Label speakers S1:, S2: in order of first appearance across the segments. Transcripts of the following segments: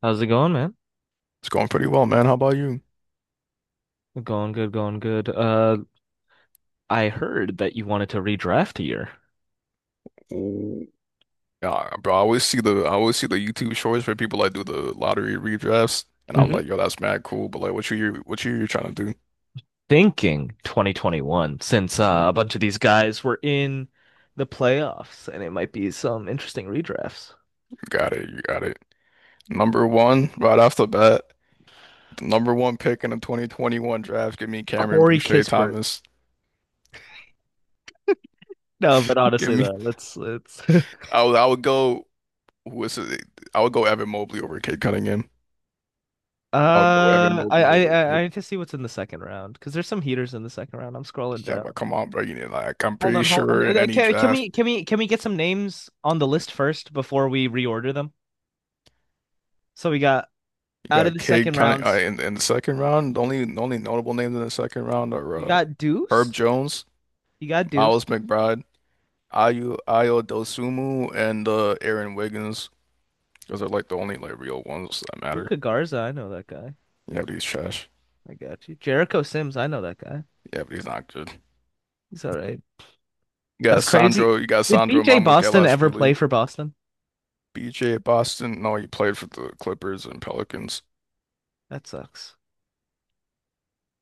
S1: How's it going, man?
S2: It's going pretty well, man. How about you?
S1: Going good, going good. I heard that you wanted to redraft here.
S2: Yeah, bro, I always see the YouTube shorts where people like do the lottery redrafts, and I'm like,
S1: hmm
S2: yo, that's mad cool. But like, what you trying to do? You
S1: Thinking 2021, since a bunch of these guys were in the playoffs, and it might be some interesting redrafts.
S2: got it, you got it. Number one, right off the bat, the number one pick in the 2021 draft. Give me Cameron
S1: Corey
S2: Boucher
S1: Kispert.
S2: Thomas.
S1: No, but
S2: Give
S1: honestly,
S2: me.
S1: though, let's.
S2: I would go. Who is it? I would go Evan Mobley over Cade Cunningham. I would go Evan
S1: I
S2: Mobley
S1: I
S2: over
S1: I
S2: Cade.
S1: I need to see what's in the second round because there's some heaters in the second round. I'm scrolling
S2: Yeah, but
S1: down.
S2: come on, bro. You need like I'm
S1: Hold
S2: pretty
S1: on, hold
S2: sure
S1: on.
S2: in any
S1: Can
S2: draft.
S1: we can we can we get some names on the list first before we reorder them? So we got
S2: You
S1: out of
S2: got
S1: the
S2: Cade
S1: second
S2: Cunning
S1: rounds,
S2: in the second round. The only notable names in the second round are
S1: you got
S2: Herb
S1: Deuce.
S2: Jones,
S1: You got
S2: Miles
S1: Deuce.
S2: McBride, Ayu Ayo Dosunmu, and Aaron Wiggins. Those are like the only like real ones that matter.
S1: Luca Garza, I know that guy.
S2: Yeah, but he's trash.
S1: I got you. Jericho Sims, I know that guy.
S2: Yeah, but he's not good.
S1: He's all right. That's crazy.
S2: You got
S1: Did
S2: Sandro
S1: BJ Boston ever play
S2: Mamukelashvili,
S1: for Boston?
S2: BJ Boston. No, he played for the Clippers and Pelicans.
S1: That sucks.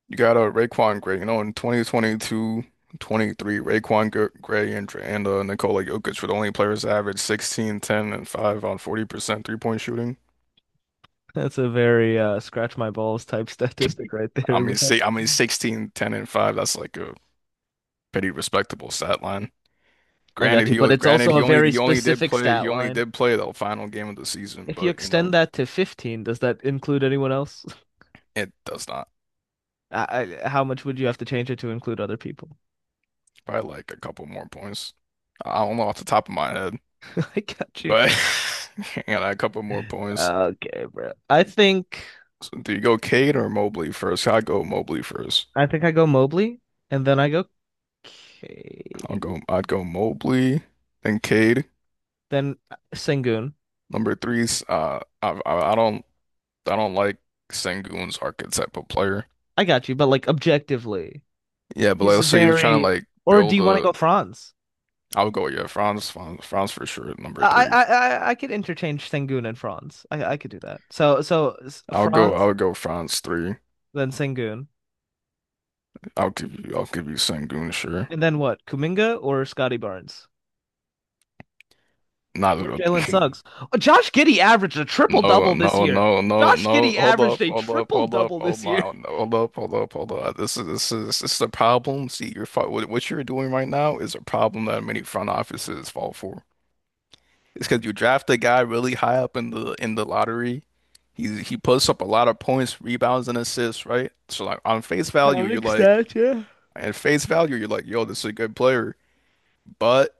S2: You got a Raquan Gray, in 2022, 23, Raekwon Gray and Nikola Jokic were the only players to average 16, 10, and 5 on 40% three-point shooting.
S1: That's a very scratch my balls type statistic right
S2: I
S1: there,
S2: mean,
S1: bro.
S2: see, I mean, 16, 10, and 5, that's like a pretty respectable stat line.
S1: I got
S2: Granted,
S1: you.
S2: he
S1: But it's
S2: granted
S1: also
S2: he
S1: a
S2: only
S1: very
S2: he only did
S1: specific
S2: play
S1: stat
S2: he only
S1: line.
S2: did play the final game of the season.
S1: If you
S2: but you
S1: extend
S2: know,
S1: that to 15, does that include anyone else?
S2: it does not.
S1: How much would you have to change it to include other people?
S2: Probably like a couple more points. I don't know off the top of my head,
S1: I got you.
S2: but yeah, a couple more points.
S1: Okay, bro. I think
S2: So do you go Cade or Mobley first? I'd go Mobley first.
S1: I think I go Mobley, and then I go
S2: I'll
S1: K,
S2: go. I'd go Mobley, then Cade.
S1: then Sengun.
S2: Number three's. I don't like Sengun's archetype of player.
S1: I got you, but like objectively,
S2: Yeah, but like
S1: he's
S2: let's say you're trying to
S1: very.
S2: like
S1: Or do
S2: build
S1: you want to
S2: a.
S1: go Franz?
S2: I'll go, yeah, Franz for sure at number
S1: I
S2: three.
S1: I I, I could interchange Sengun and Franz. I could do that. So
S2: I'll go.
S1: Franz,
S2: I'll go Franz three.
S1: then Sengun,
S2: I'll give you Sengun, sure.
S1: and then what? Kuminga or Scotty Barnes
S2: Not.
S1: or Jalen Suggs? Oh, Josh Giddey averaged a triple
S2: No,
S1: double this
S2: no,
S1: year.
S2: no, no,
S1: Josh
S2: no.
S1: Giddey
S2: Hold
S1: averaged
S2: up,
S1: a
S2: hold up,
S1: triple
S2: hold up.
S1: double
S2: Oh
S1: this year.
S2: my, no, hold up, hold up, hold up. This is a problem. See, you're fi- what you're doing right now is a problem that many front offices fall for. It's because you draft a guy really high up in the lottery. He puts up a lot of points, rebounds, and assists, right? So like on face value, you're
S1: Counting
S2: like,
S1: stats, yeah.
S2: at face value, you're like, yo, this is a good player. But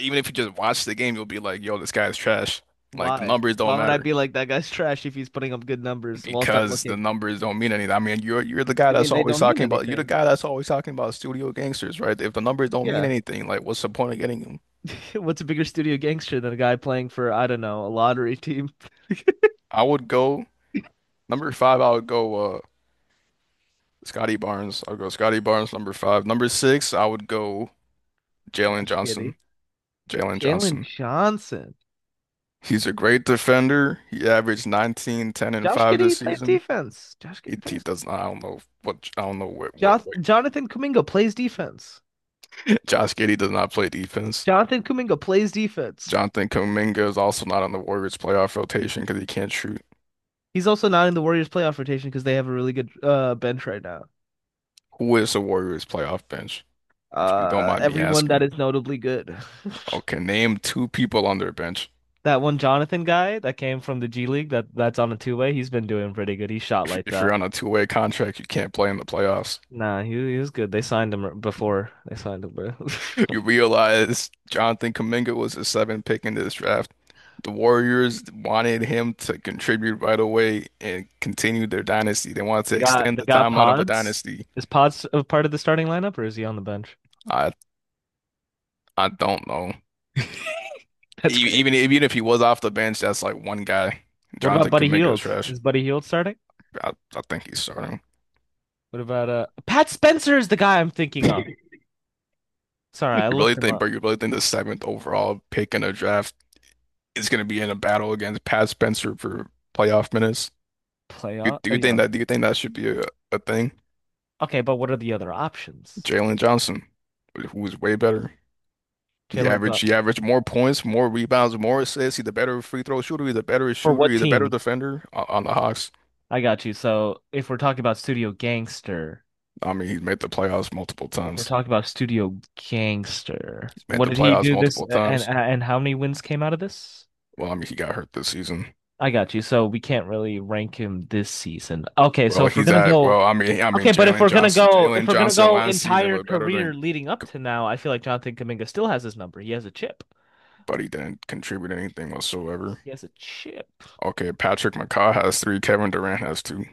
S2: even if you just watch the game, you'll be like, yo, this guy is trash. Like the
S1: Why?
S2: numbers
S1: Why
S2: don't
S1: would I
S2: matter,
S1: be like that guy's trash if he's putting up good numbers whilst I'm
S2: because the
S1: looking?
S2: numbers don't mean anything. I mean, you're the
S1: What
S2: guy
S1: do you mean
S2: that's
S1: they
S2: always
S1: don't mean
S2: talking about you're the
S1: anything?
S2: guy that's always talking about studio gangsters, right? If the numbers don't mean
S1: Yeah.
S2: anything, like what's the point of getting them?
S1: What's a bigger studio gangster than a guy playing for, I don't know, a lottery team?
S2: I would go number five. I would go Scotty Barnes. I'll go Scotty Barnes number five. Number six, I would go Jalen
S1: Josh Giddey.
S2: Johnson. Jalen
S1: Jalen
S2: Johnson.
S1: Johnson.
S2: He's a great defender. He averaged 19, 10 and
S1: Josh
S2: 5 this
S1: Giddey plays
S2: season.
S1: defense. Josh
S2: He,
S1: Giddey
S2: he
S1: plays.
S2: does not. I don't know
S1: Jo
S2: what.
S1: Jonathan Kuminga plays defense.
S2: Josh Giddey does not play defense.
S1: Jonathan Kuminga plays defense.
S2: Jonathan Kuminga is also not on the Warriors playoff rotation because he can't shoot.
S1: He's also not in the Warriors playoff rotation because they have a really good bench right now.
S2: Who is the Warriors playoff bench? If you don't
S1: Uh,
S2: mind me
S1: everyone that
S2: asking.
S1: is notably good.
S2: Okay, name two people on their bench.
S1: That one Jonathan guy that came from the G League that's on a two-way, he's been doing pretty good. He shot
S2: If,
S1: lights
S2: if you're
S1: out.
S2: on a two-way contract, you can't play in the playoffs.
S1: Nah, he was good. They signed him before they signed him, bro.
S2: You realize Jonathan Kuminga was the seventh pick in this draft. The Warriors wanted him to contribute right away and continue their dynasty. They wanted
S1: They
S2: to
S1: got
S2: extend
S1: they
S2: the
S1: got
S2: timeline of the
S1: Pods.
S2: dynasty.
S1: Is Pods a part of the starting lineup or is he on the bench?
S2: I I don't know.
S1: That's
S2: E- Even
S1: crazy.
S2: even if he was off the bench, that's like one guy.
S1: What about
S2: Jonathan
S1: Buddy
S2: Kuminga is
S1: Hield?
S2: trash.
S1: Is Buddy Hield starting?
S2: I think he's starting.
S1: What about Pat Spencer is the guy I'm thinking of. Sorry,
S2: You
S1: I
S2: really
S1: looked him
S2: think,
S1: up.
S2: but you really think the seventh overall pick in the draft is going to be in a battle against Pat Spencer for playoff minutes? You,
S1: Playoff.
S2: do
S1: Oh
S2: you think
S1: yeah.
S2: that? Do you think that should be a thing?
S1: Okay, but what are the other options?
S2: Jalen Johnson, who's way better. He
S1: Jalen's up.
S2: averaged, he averaged more points, more rebounds, more assists. He's a better free throw shooter. He's a better
S1: For
S2: shooter.
S1: what
S2: He's a better
S1: team?
S2: defender on the Hawks.
S1: I got you. So if we're talking about Studio Gangster,
S2: I mean, he's made the playoffs multiple
S1: If we're
S2: times.
S1: talking about Studio Gangster,
S2: He's made
S1: what
S2: the
S1: did he
S2: playoffs
S1: do this
S2: multiple
S1: and
S2: times.
S1: and how many wins came out of this?
S2: Well, I mean, he got hurt this season.
S1: I got you. So we can't really rank him this season. Okay, so
S2: Well,
S1: if we're
S2: he's
S1: gonna
S2: at.
S1: go,
S2: Well, I mean,
S1: okay, but if
S2: Jalen
S1: we're gonna
S2: Johnson.
S1: go, if
S2: Jalen
S1: we're gonna
S2: Johnson
S1: go
S2: last season
S1: entire
S2: was better
S1: career
S2: than,
S1: leading up to now, I feel like Jonathan Kuminga still has his number. He has a chip.
S2: but he didn't contribute anything whatsoever.
S1: He has a chip.
S2: Okay, Patrick McCaw has three. Kevin Durant has two.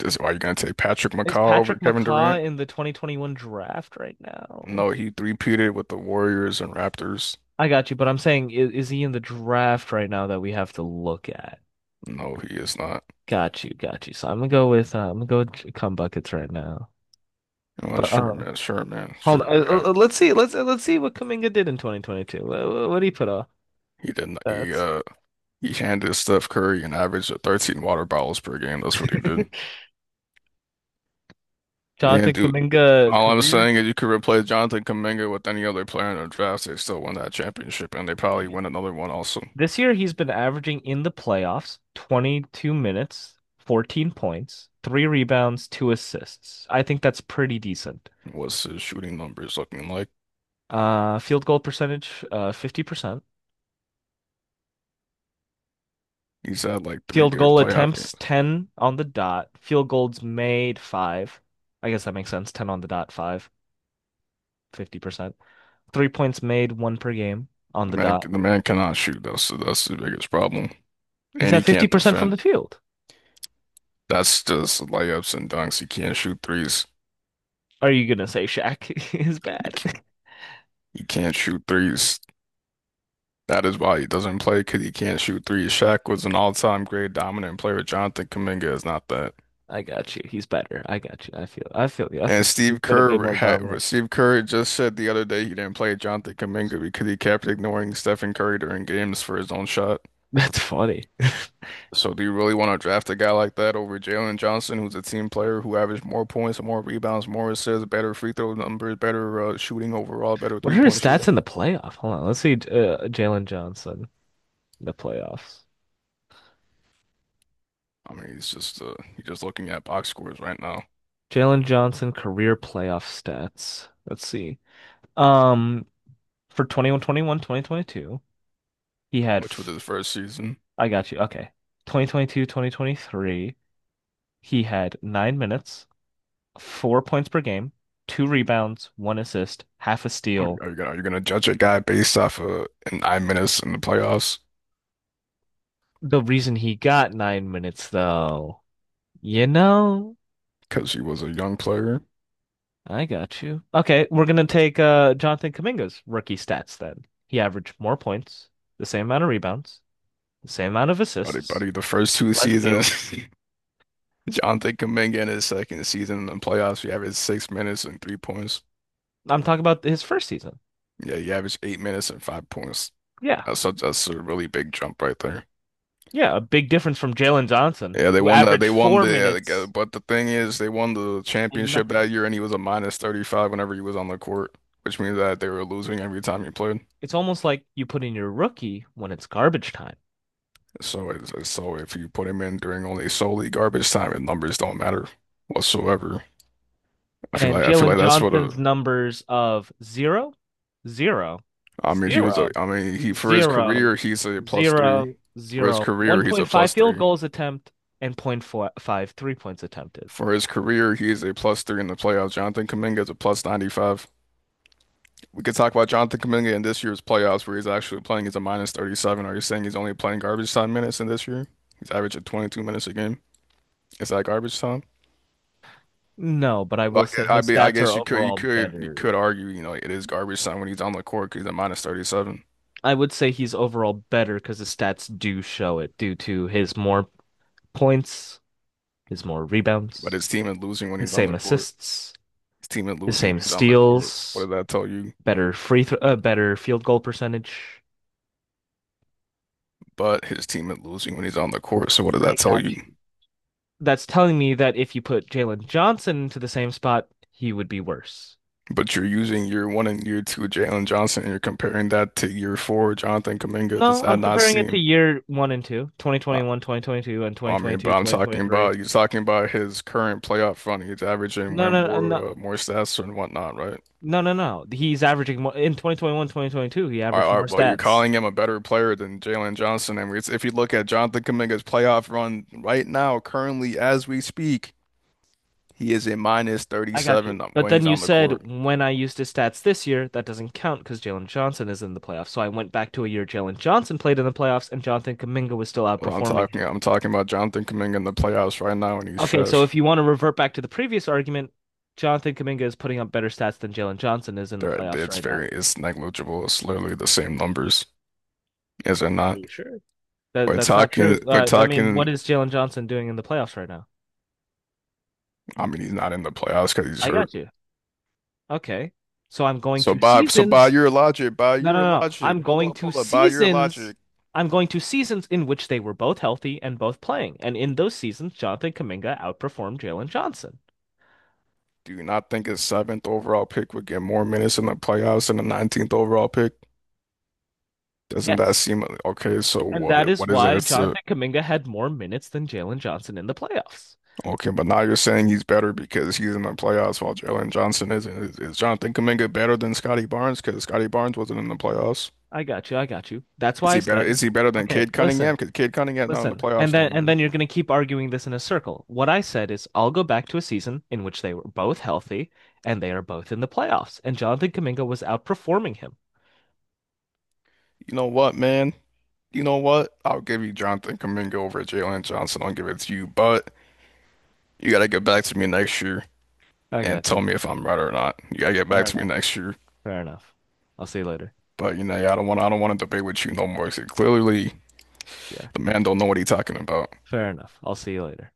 S2: This why you gonna take Patrick
S1: Is
S2: McCaw over
S1: Patrick
S2: Kevin Durant?
S1: McCaw in the 2021 draft right now?
S2: No, he three-peated with the Warriors and Raptors.
S1: I got you, but I'm saying is he in the draft right now that we have to look at?
S2: No, he is not.
S1: Got you, got you. So I'm gonna go with J- cum buckets right now.
S2: Well,
S1: But
S2: sure, man. Sure, man. Sure,
S1: hold on.
S2: you
S1: Uh, uh,
S2: got it.
S1: uh, let's see. Let's see what Kuminga did in 2022. What did he put off?
S2: He didn't. He
S1: That's
S2: uh, he handed Steph Curry an average of 13 water bottles per game. That's what he did. He
S1: Jonathan
S2: didn't do.
S1: Kuminga
S2: All I'm
S1: career.
S2: saying is you could replace Jonathan Kuminga with any other player in the draft. They still win that championship, and they probably
S1: Man.
S2: win another one also.
S1: This year he's been averaging in the playoffs 22 minutes, 14 points, 3 rebounds, 2 assists. I think that's pretty decent.
S2: What's his shooting numbers looking like?
S1: Field goal percentage, 50%.
S2: He's had like three
S1: Field
S2: good
S1: goal
S2: playoff
S1: attempts
S2: games.
S1: 10 on the dot. Field goals made five. I guess that makes sense. 10 on the dot, five, 50%. 3 points made, one per game on
S2: The
S1: the
S2: man,
S1: dot.
S2: the man cannot shoot. That's the biggest problem,
S1: He's
S2: and he
S1: at
S2: can't
S1: 50% from
S2: defend.
S1: the field.
S2: That's just layups and dunks. He can't shoot threes.
S1: Are you gonna say Shaq is
S2: He,
S1: bad?
S2: c- he can't shoot threes. That is why he doesn't play because he can't shoot threes. Shaq was an all-time great dominant player. Jonathan Kuminga is not that.
S1: I got you. He's better. I got you. I feel you. I
S2: And
S1: feel he's
S2: Steve
S1: been a bit
S2: Kerr
S1: more
S2: had
S1: dominant.
S2: Steve Kerr just said the other day he didn't play Jonathan Kuminga because he kept ignoring Stephen Curry during games for his own shot.
S1: That's funny.
S2: So do you really want to draft a guy like that over Jalen Johnson, who's a team player who averaged more points, more rebounds, more assists, better free throw numbers, better shooting overall, better
S1: What
S2: three
S1: are his
S2: point
S1: stats
S2: shooting?
S1: in the playoff? Hold on. Let's see Jalen Johnson in the playoffs.
S2: I mean, he's just looking at box scores right now,
S1: Jalen Johnson career playoff stats. Let's see. Um, for 2121, he had,
S2: which was his first season.
S1: I got you. Okay. 2022, 2023, he had 9 minutes, 4 points per game, 2 rebounds, one assist, half a
S2: Are,
S1: steal.
S2: are you gonna, are you gonna judge a guy based off of an I minutes in the playoffs
S1: The reason he got 9 minutes, though, you know,
S2: because he was a young player?
S1: I got you. Okay. We're going to take Jonathan Kuminga's rookie stats then. He averaged more points, the same amount of rebounds, the same amount of
S2: Buddy,
S1: assists,
S2: buddy, the first two
S1: less steals.
S2: seasons, Jonathan Kuminga in his second season in the playoffs, he averaged 6 minutes and 3 points.
S1: I'm talking about his first season.
S2: Yeah, he averaged 8 minutes and 5 points.
S1: Yeah.
S2: That's a really big jump right there.
S1: Yeah, a big difference from Jalen Johnson,
S2: Yeah, they
S1: who
S2: won that.
S1: averaged
S2: They won
S1: four
S2: the, like,
S1: minutes
S2: but the thing is, they won the
S1: and
S2: championship
S1: nothing.
S2: that year, and he was a minus 35 whenever he was on the court, which means that they were losing every time he played.
S1: It's almost like you put in your rookie when it's garbage time.
S2: So if you put him in during only solely garbage time, and numbers don't matter whatsoever. I feel
S1: And
S2: like I feel
S1: Jalen
S2: like that's what a.
S1: Johnson's numbers of zero, zero,
S2: I mean, he was a,
S1: zero,
S2: I mean, he for his
S1: zero,
S2: career, he's a plus three.
S1: zero,
S2: For his
S1: zero, one
S2: career, he's
S1: point
S2: a
S1: five
S2: plus
S1: field
S2: three.
S1: goals attempt and zero point 0.5 3 points attempted.
S2: For his career, he is a plus three in the playoffs. Jonathan Kuminga is a plus 95. We could talk about Jonathan Kuminga in this year's playoffs, where he's actually playing. He's a minus 37. Are you saying he's only playing garbage time minutes in this year? He's averaging 22 minutes a game. Is that garbage time?
S1: No, but I
S2: Well,
S1: will
S2: I
S1: say
S2: guess, I
S1: his
S2: be, I
S1: stats are
S2: guess you could, you
S1: overall
S2: could, you
S1: better.
S2: could argue, it is garbage time when he's on the court 'cause he's a minus 37.
S1: I would say he's overall better because the stats do show it due to his more points is more
S2: But
S1: rebounds,
S2: his team is losing when
S1: the
S2: he's on
S1: same
S2: the court.
S1: assists,
S2: His team is
S1: the
S2: losing
S1: same
S2: when he's on the court. What
S1: steals,
S2: does that tell you?
S1: better free throw, better field goal percentage.
S2: But his team is losing when he's on the court. So what does
S1: I
S2: that tell
S1: got
S2: you?
S1: you. That's telling me that if you put Jalen Johnson into the same spot, he would be worse.
S2: But you're using year one and year two Jalen Johnson, and you're comparing that to year four Jonathan Kuminga. Does
S1: No,
S2: that
S1: I'm
S2: not
S1: comparing it to
S2: seem?
S1: year one and two, twenty
S2: uh,
S1: twenty one, 2022, and twenty
S2: I
S1: twenty
S2: mean, but
S1: two,
S2: I'm
S1: twenty twenty
S2: talking
S1: three.
S2: about you're talking about his current playoff run. He's averaging
S1: No,
S2: way
S1: no, no,
S2: more more stats and whatnot, right?
S1: no, no, no. No. He's averaging more in 2021, 2022. He
S2: All right,
S1: averaged
S2: all
S1: more
S2: right, well, you're
S1: stats.
S2: calling him a better player than Jalen Johnson, and if you look at Jonathan Kuminga's playoff run right now, currently as we speak, he is a minus
S1: I got
S2: 37
S1: you. But
S2: when
S1: then
S2: he's
S1: you
S2: on the
S1: said
S2: court.
S1: when I used his stats this year, that doesn't count because Jalen Johnson is in the playoffs. So I went back to a year Jalen Johnson played in the playoffs and Jonathan Kaminga was still
S2: Well, I'm
S1: outperforming
S2: talking
S1: him.
S2: I'm talking about Jonathan Kuminga in the playoffs right now, and he's
S1: Okay, so
S2: trash.
S1: if you want to revert back to the previous argument, Jonathan Kaminga is putting up better stats than Jalen Johnson is in the
S2: There,
S1: playoffs
S2: it's
S1: right now.
S2: very it's negligible. It's literally the same numbers, is it
S1: Are
S2: not?
S1: you sure? That
S2: We're
S1: that's not
S2: talking
S1: true.
S2: we're
S1: I mean,
S2: talking.
S1: what is Jalen Johnson doing in the playoffs right now?
S2: I mean, he's not in the playoffs because he's
S1: I
S2: hurt.
S1: got you. Okay. So I'm going
S2: So
S1: to
S2: by so
S1: seasons.
S2: by
S1: No, no,
S2: your
S1: no.
S2: logic,
S1: I'm
S2: hold
S1: going
S2: up,
S1: to
S2: hold up. By your
S1: seasons.
S2: logic,
S1: I'm going to seasons in which they were both healthy and both playing. And in those seasons, Jonathan Kaminga outperformed Jalen Johnson.
S2: do you not think his seventh overall pick would get more minutes in the playoffs than the 19th overall pick? Doesn't that
S1: Yes.
S2: seem okay? So
S1: And
S2: what
S1: that is
S2: what is
S1: why
S2: there to?
S1: Jonathan Kaminga had more minutes than Jalen Johnson in the playoffs.
S2: Okay, but now you're saying he's better because he's in the playoffs while Jalen Johnson isn't. Is Jonathan Kuminga better than Scotty Barnes because Scotty Barnes wasn't in the playoffs?
S1: I got you. I got you. That's
S2: Is
S1: why I
S2: he better?
S1: said,
S2: Is he better than
S1: okay,
S2: Cade
S1: listen,
S2: Cunningham? Because Cade Cunningham not in the
S1: listen. And
S2: playoffs no
S1: then and
S2: more.
S1: then you're going to keep arguing this in a circle. What I said is I'll go back to a season in which they were both healthy and they are both in the playoffs. And Jonathan Kaminga was outperforming him.
S2: You know what, man? You know what? I'll give you Jonathan Kuminga over Jalen Johnson. I'll give it to you, but you gotta get back to me next year
S1: I
S2: and
S1: got you.
S2: tell me if I'm right or not. You gotta get
S1: All
S2: back
S1: right.
S2: to me next year.
S1: Fair enough. I'll see you later.
S2: But yeah, I don't want to debate with you no more, 'cause clearly,
S1: Yeah.
S2: the man don't know what he's talking about.
S1: Fair enough. I'll see you later.